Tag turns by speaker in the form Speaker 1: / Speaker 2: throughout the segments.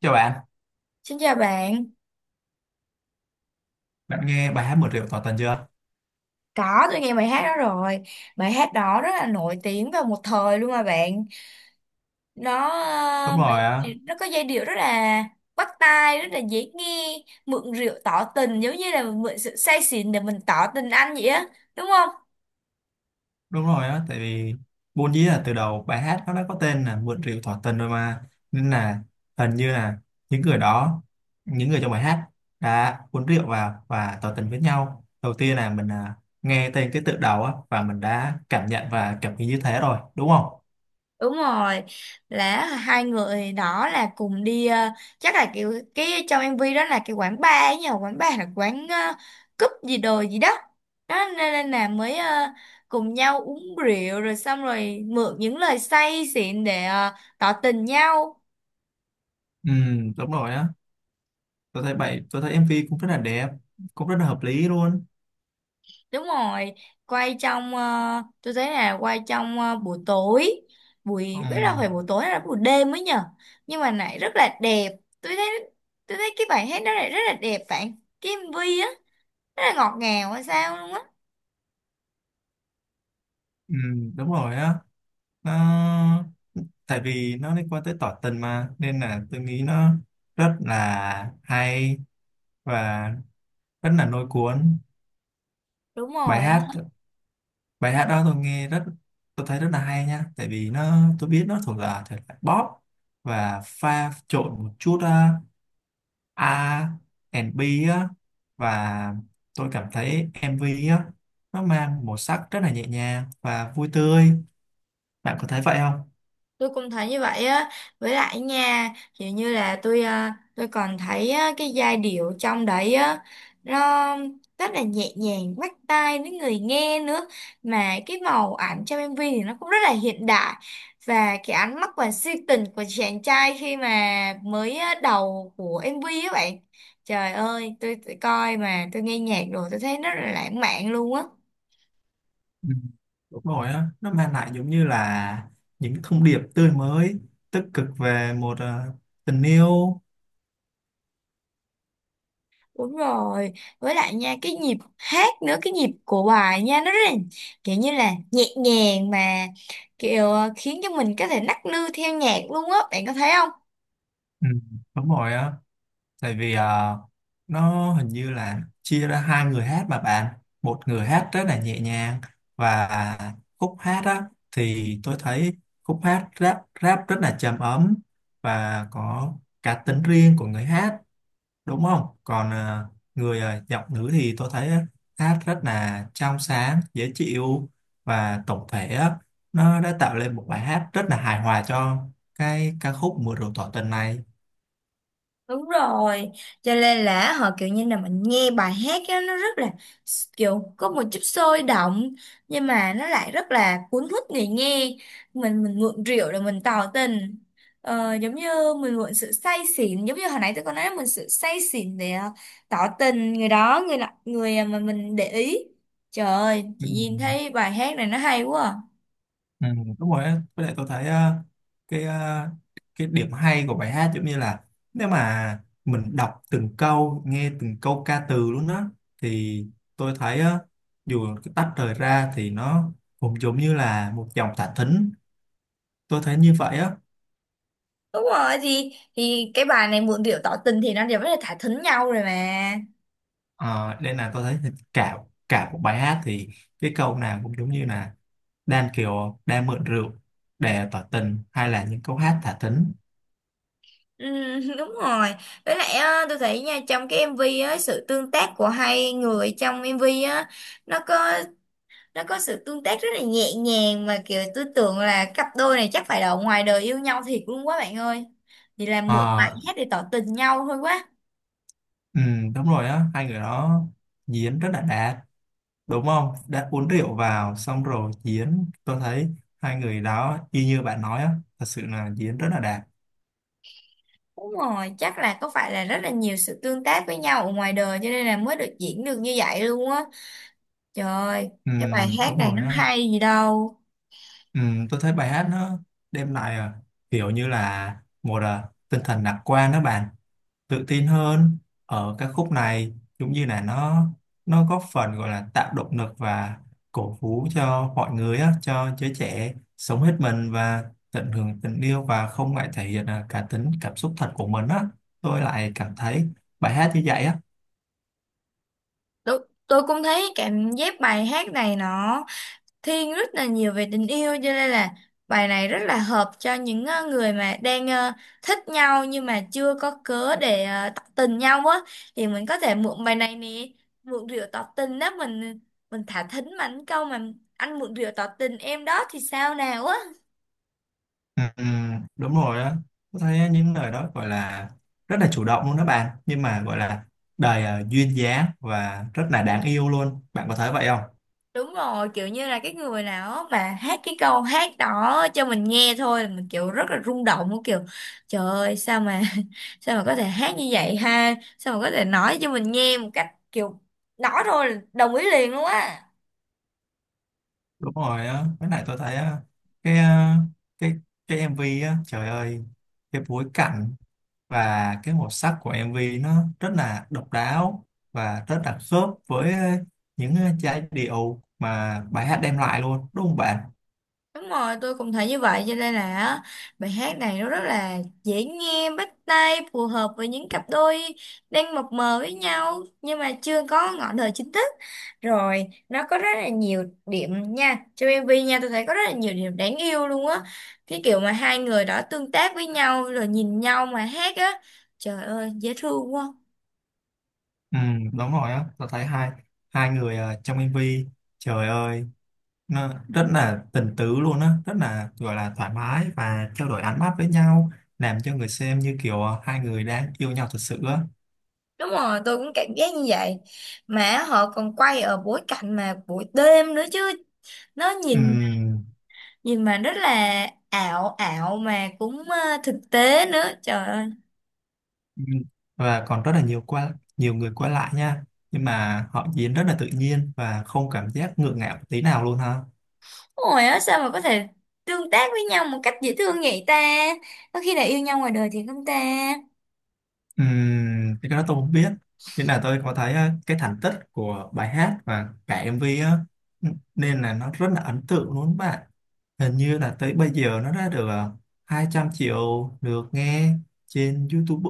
Speaker 1: Chào bạn,
Speaker 2: Xin chào bạn,
Speaker 1: bạn nghe bài hát Một triệu tỏ tình chưa?
Speaker 2: có tôi nghe bài hát đó rồi. Bài hát đó rất là nổi tiếng vào một thời luôn mà bạn. Nó
Speaker 1: Đúng
Speaker 2: ờ,
Speaker 1: rồi á,
Speaker 2: bài, nó có giai điệu rất là bắt tai, rất là dễ nghe. Mượn rượu tỏ tình giống như là mượn sự say xỉn để mình tỏ tình anh vậy á. Đúng không?
Speaker 1: đúng rồi á, tại vì vốn dĩ là từ đầu bài hát nó đã có tên là Một triệu tỏ tình rồi mà, nên là hình như là những người đó, những người trong bài hát đã uống rượu vào và tỏ tình với nhau. Đầu tiên là mình nghe tên cái tựa đầu á và mình đã cảm nhận và cảm nghĩ như thế rồi, đúng không?
Speaker 2: Đúng rồi, là hai người đó là cùng đi, chắc là kiểu cái trong MV đó là cái quán bar, ấy nhờ quán bar là quán, cúp gì đồ gì đó đó nên là mới, cùng nhau uống rượu rồi xong rồi mượn những lời say xịn để tỏ tình nhau.
Speaker 1: Ừ, đúng rồi á. Tôi thấy MV cũng rất là đẹp, cũng rất là hợp lý luôn.
Speaker 2: Đúng rồi, quay trong, tôi thấy là quay trong buổi tối, buổi,
Speaker 1: Ừ,
Speaker 2: biết đâu phải buổi tối hay là buổi đêm mới nhở. Nhưng mà lại rất là đẹp. Tôi thấy tôi thấy cái bài hát đó lại rất là đẹp bạn. Cái MV á, rất là ngọt ngào hay sao luôn á.
Speaker 1: ừ, đúng rồi á. Nó Tại vì nó liên quan tới tỏ tình mà nên là tôi nghĩ nó rất là hay và rất là lôi cuốn.
Speaker 2: Đúng
Speaker 1: bài
Speaker 2: rồi.
Speaker 1: hát bài hát đó tôi thấy rất là hay nha, tại vì nó tôi biết nó thuộc là thể loại pop và pha trộn một chút R&B á. Và tôi cảm thấy MV á, nó mang màu sắc rất là nhẹ nhàng và vui tươi. Bạn có thấy vậy không?
Speaker 2: Tôi cũng thấy như vậy á, với lại nha, kiểu như là tôi còn thấy á, cái giai điệu trong đấy á, nó rất là nhẹ nhàng, bắt tai với người nghe nữa, mà cái màu ảnh trong MV thì nó cũng rất là hiện đại, và cái ánh mắt và si tình của chàng trai khi mà mới á, đầu của MV á bạn, trời ơi tôi coi mà tôi nghe nhạc rồi tôi thấy rất là lãng mạn luôn á.
Speaker 1: Ừ, đúng rồi á, nó mang lại giống như là những thông điệp tươi mới, tích cực về một tình yêu.
Speaker 2: Đúng rồi, với lại nha cái nhịp hát nữa, cái nhịp của bài nha nó rất là kiểu như là nhẹ nhàng, mà kiểu, khiến cho mình có thể nắc nư theo nhạc luôn á, bạn có thấy không?
Speaker 1: Ừ, đúng rồi á, tại vì nó hình như là chia ra hai người hát mà bạn, một người hát rất là nhẹ nhàng, và khúc hát á thì tôi thấy khúc hát rap rap rất là trầm ấm và có cá tính riêng của người hát. Đúng không? Còn giọng nữ thì tôi thấy á, hát rất là trong sáng dễ chịu, và tổng thể á, nó đã tạo lên một bài hát rất là hài hòa cho cái ca khúc mưa rượu tỏ tình này.
Speaker 2: Đúng rồi, cho nên là họ kiểu như là mình nghe bài hát á, nó rất là kiểu có một chút sôi động nhưng mà nó lại rất là cuốn hút người nghe. Mình mượn rượu để mình tỏ tình. Ờ, giống như mình mượn sự say xỉn, giống như hồi nãy tôi có nói mình sự say xỉn để tỏ tình người đó, người mà mình để ý. Trời ơi,
Speaker 1: Ừ.
Speaker 2: chị nhìn thấy bài hát này nó hay quá à.
Speaker 1: Ừ, đúng rồi á. Với lại tôi thấy cái ờ, cái điểm hay của bài hát giống như là, nếu mà mình đọc từng câu, nghe từng câu ca từ luôn á, thì tôi thấy á, dù cái tách rời ra thì nó cũng giống như là một dòng thả thính. Tôi thấy như vậy á.
Speaker 2: Đúng rồi, thì cái bài này mượn rượu tỏ tình thì nó đều rất là thả thính nhau rồi mà.
Speaker 1: Ờ, nên là tôi thấy cả cả một bài hát thì cái câu nào cũng giống như là đan, kiểu đang mượn rượu để tỏ tình, hay là những câu hát thả thính.
Speaker 2: Ừ, đúng rồi, với lại á, tôi thấy nha trong cái MV á sự tương tác của hai người trong MV á, nó có nó có sự tương tác rất là nhẹ nhàng, mà kiểu tôi tưởng là cặp đôi này chắc phải là ở ngoài đời yêu nhau thiệt luôn quá bạn ơi, thì làm mượn bài
Speaker 1: Ờ,
Speaker 2: hát để tỏ tình nhau thôi quá.
Speaker 1: ừ, đúng rồi á, hai người đó diễn rất là đạt, đúng không? Đã uống rượu vào xong rồi diễn, tôi thấy hai người đó y như bạn nói á, thật sự là diễn rất là đạt.
Speaker 2: Đúng rồi, chắc là có phải là rất là nhiều sự tương tác với nhau ở ngoài đời cho nên là mới được diễn được như vậy luôn á. Trời ơi,
Speaker 1: Ừ,
Speaker 2: cái bài hát
Speaker 1: đúng
Speaker 2: này
Speaker 1: rồi
Speaker 2: nó
Speaker 1: á.
Speaker 2: hay gì đâu.
Speaker 1: Ừ, tôi thấy bài hát nó đem lại, kiểu như là một tinh thần lạc quan đó bạn, tự tin hơn ở các khúc này, cũng như là nó góp phần gọi là tạo động lực và cổ vũ cho mọi người á, cho giới trẻ sống hết mình và tận hưởng tình yêu và không ngại thể hiện cá tính, cảm xúc thật của mình á. Tôi lại cảm thấy bài hát như vậy á.
Speaker 2: Tôi tôi cũng thấy cảm giác bài hát này nó thiên rất là nhiều về tình yêu, cho nên là bài này rất là hợp cho những người mà đang thích nhau nhưng mà chưa có cớ để tỏ tình nhau á, thì mình có thể mượn bài này nè, mượn rượu tỏ tình đó mình thả thính mà anh câu mà anh mượn rượu tỏ tình em đó thì sao nào á.
Speaker 1: Ừ, ừ, đúng rồi á, tôi thấy những lời đó gọi là rất là chủ động luôn đó bạn, nhưng mà gọi là đầy duyên dáng và rất là đáng yêu luôn. Bạn có thấy vậy không?
Speaker 2: Đúng rồi, kiểu như là cái người nào mà hát cái câu hát đó cho mình nghe thôi là mình kiểu rất là rung động luôn, kiểu trời ơi sao mà sao mà có thể hát như vậy ha, sao mà có thể nói cho mình nghe một cách kiểu nói thôi là đồng ý liền luôn á.
Speaker 1: Đúng rồi á, với lại tôi thấy á, cái ờ, cái cái MV á, trời ơi, cái bối cảnh và cái màu sắc của MV nó rất là độc đáo và rất là khớp với những giai điệu mà bài hát đem lại luôn. Đúng không bạn?
Speaker 2: Đúng rồi, tôi cũng thấy như vậy cho nên là á, bài hát này nó rất là dễ nghe, bắt tai, phù hợp với những cặp đôi đang mập mờ với nhau nhưng mà chưa có ngọn đời chính thức. Rồi, nó có rất là nhiều điểm nha. Trong MV nha, tôi thấy có rất là nhiều điểm đáng yêu luôn á. Cái kiểu mà hai người đó tương tác với nhau rồi nhìn nhau mà hát á. Trời ơi, dễ thương quá.
Speaker 1: Ừ, đúng rồi á, tôi thấy hai hai người trong MV, trời ơi, nó rất là tình tứ luôn á, rất là gọi là thoải mái và trao đổi ánh mắt với nhau, làm cho người xem như kiểu hai người đang yêu nhau thật sự á.
Speaker 2: Đúng rồi, tôi cũng cảm giác như vậy. Mà họ còn quay ở bối cảnh mà buổi đêm nữa chứ, nó nhìn
Speaker 1: Ừ.
Speaker 2: gì mà rất là ảo ảo mà cũng thực tế nữa, trời ơi.
Speaker 1: Ừ. Và còn rất là nhiều qua, nhiều người qua lại nha, nhưng mà họ diễn rất là tự nhiên và không cảm giác ngượng ngạo tí nào luôn ha.
Speaker 2: Ôi á sao mà có thể tương tác với nhau một cách dễ thương vậy ta, có khi là yêu nhau ngoài đời thì không ta.
Speaker 1: Cái đó tôi không biết, nhưng là tôi có thấy cái thành tích của bài hát và cả MV á. Ừ, nên là nó rất là ấn tượng luôn bạn. Hình như là tới bây giờ nó đã được 200 triệu lượt nghe trên YouTube,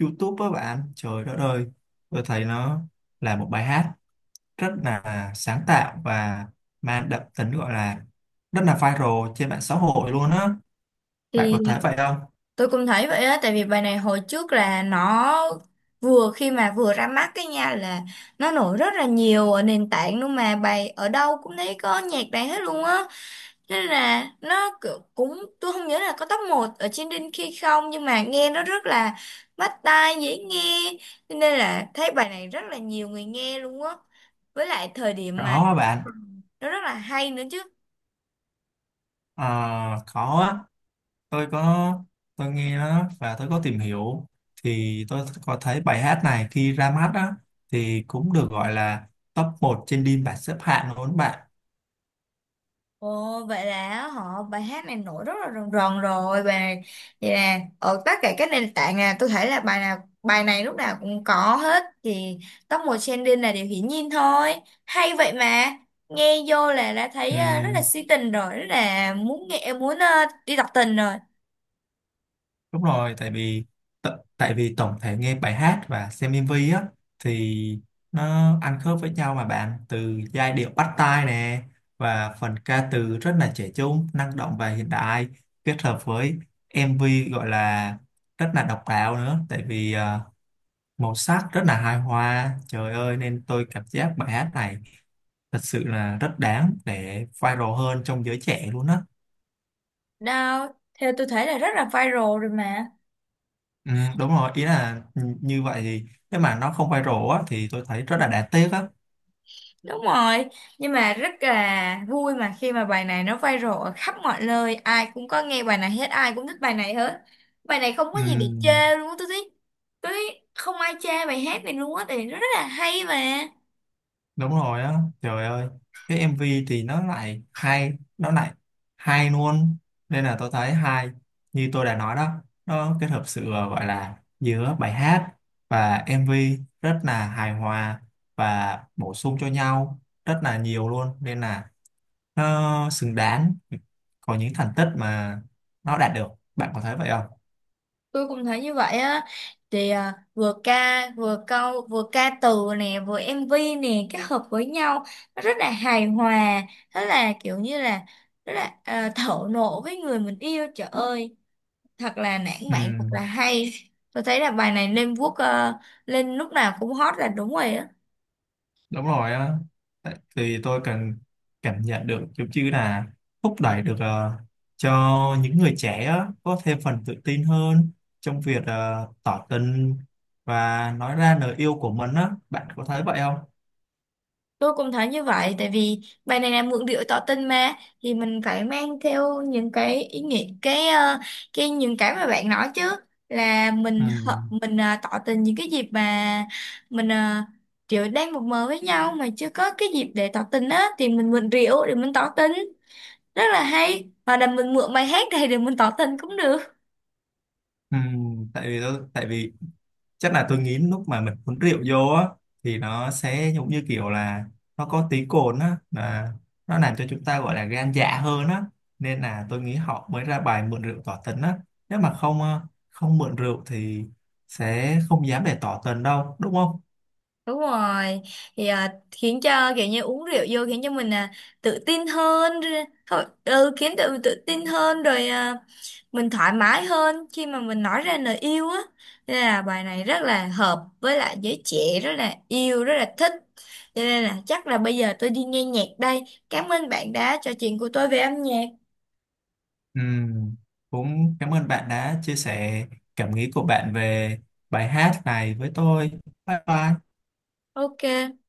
Speaker 1: Á bạn, trời đất ơi, tôi thấy nó là một bài hát rất là sáng tạo và mang đậm tính, gọi là rất là viral trên mạng xã hội luôn á. Bạn
Speaker 2: Thì
Speaker 1: có thấy vậy không?
Speaker 2: tôi cũng thấy vậy á, tại vì bài này hồi trước là nó vừa khi mà vừa ra mắt cái nha là nó nổi rất là nhiều ở nền tảng luôn, mà bài ở đâu cũng thấy có nhạc này hết luôn á. Nên là nó cũng, tôi không nhớ là có top một ở trên Đinh khi không, nhưng mà nghe nó rất là bắt tai, dễ nghe. Cho nên là thấy bài này rất là nhiều người nghe luôn á, với lại thời điểm mà
Speaker 1: Có á bạn.
Speaker 2: nó rất là hay nữa chứ.
Speaker 1: Ờ, có á, tôi có, tôi nghe nó và tôi có tìm hiểu, thì tôi có thấy bài hát này khi ra mắt á thì cũng được gọi là top 1 trên đêm bảng xếp hạng luôn
Speaker 2: Ồ, vậy là họ bài hát này nổi rất là rần rần rồi, và vậy là ở tất cả các nền tảng là tôi thấy là bài nào bài này lúc nào cũng có hết, thì top 1 trending là điều hiển nhiên thôi, hay vậy mà. Nghe vô là đã thấy ờ, rất là
Speaker 1: bạn.
Speaker 2: si tình rồi, rất là muốn nghe muốn đi đọc tình rồi.
Speaker 1: Đúng rồi, tại vì tại vì tổng thể nghe bài hát và xem MV á thì nó ăn khớp với nhau mà bạn, từ giai điệu bắt tai nè, và phần ca từ rất là trẻ trung, năng động và hiện đại, kết hợp với MV gọi là rất là độc đáo nữa, tại vì màu sắc rất là hài hòa. Trời ơi, nên tôi cảm giác bài hát này thật sự là rất đáng để viral hơn trong giới trẻ luôn á.
Speaker 2: Đâu, theo tôi thấy là rất là viral rồi mà.
Speaker 1: Ừ, đúng rồi, ý là như vậy thì nếu mà nó không viral á thì tôi thấy rất là đáng tiếc á.
Speaker 2: Đúng rồi, nhưng mà rất là vui mà khi mà bài này nó viral ở khắp mọi nơi, ai cũng có nghe bài này hết, ai cũng thích bài này hết. Bài này không có
Speaker 1: Ừ,
Speaker 2: gì để chê luôn á, tôi thấy không ai chê bài hát này luôn á, tại vì nó rất là hay mà.
Speaker 1: đúng rồi á, trời ơi, cái MV thì nó lại hay, nó lại hay luôn, nên là tôi thấy hay, như tôi đã nói đó, nó kết hợp sự gọi là giữa bài hát và MV rất là hài hòa và bổ sung cho nhau rất là nhiều luôn, nên là nó xứng đáng có những thành tích mà nó đạt được. Bạn có thấy vậy không?
Speaker 2: Tôi cũng thấy như vậy á, thì vừa ca, vừa câu, vừa ca từ nè, vừa MV nè, kết hợp với nhau, nó rất là hài hòa, rất là kiểu như là, rất là thổ nộ với người mình yêu, trời ơi. Thật là lãng
Speaker 1: Ừ,
Speaker 2: mạn, thật là hay. Tôi thấy là bài này lên lúc nào cũng hot là đúng rồi á.
Speaker 1: đúng rồi á. Thì tôi cần cảm nhận được giống như là thúc đẩy được cho những người trẻ á, có thêm phần tự tin hơn trong việc tỏ tình và nói ra lời yêu của mình á. Bạn có thấy vậy không?
Speaker 2: Tôi cũng thấy như vậy tại vì bài này là mượn điệu tỏ tình mà, thì mình phải mang theo những cái ý nghĩa cái ờ, cái những cái mà bạn nói chứ, là
Speaker 1: Ừ.
Speaker 2: mình ờ, tỏ tình những cái dịp mà mình kiểu đang mập mờ với nhau mà chưa có cái dịp để tỏ tình á, thì mình mượn rượu để mình tỏ tình, rất là hay, hoặc là mình mượn bài hát này để mình tỏ tình cũng được.
Speaker 1: Ừ. Tại vì tại vì chắc là tôi nghĩ lúc mà mình uống rượu vô á thì nó sẽ giống như kiểu là, nó có tí cồn á, là nó làm cho chúng ta gọi là gan dạ hơn á, nên là tôi nghĩ họ mới ra bài mượn rượu tỏ tình á. Nếu mà không ờ, không mượn rượu thì sẽ không dám để tỏ tình đâu, đúng không?
Speaker 2: Đúng rồi, khiến cho kiểu như uống rượu vô khiến cho mình tự tin hơn rồi, khiến tự tự tin hơn rồi, mình thoải mái hơn khi mà mình nói ra lời yêu á, nên là bài này rất là hợp với lại giới trẻ rất là yêu rất là thích, cho nên là chắc là bây giờ tôi đi nghe nhạc đây. Cảm ơn bạn đã trò chuyện của tôi về âm nhạc.
Speaker 1: Ừ, cũng cảm ơn bạn đã chia sẻ cảm nghĩ của bạn về bài hát này với tôi. Bye bye.
Speaker 2: OK.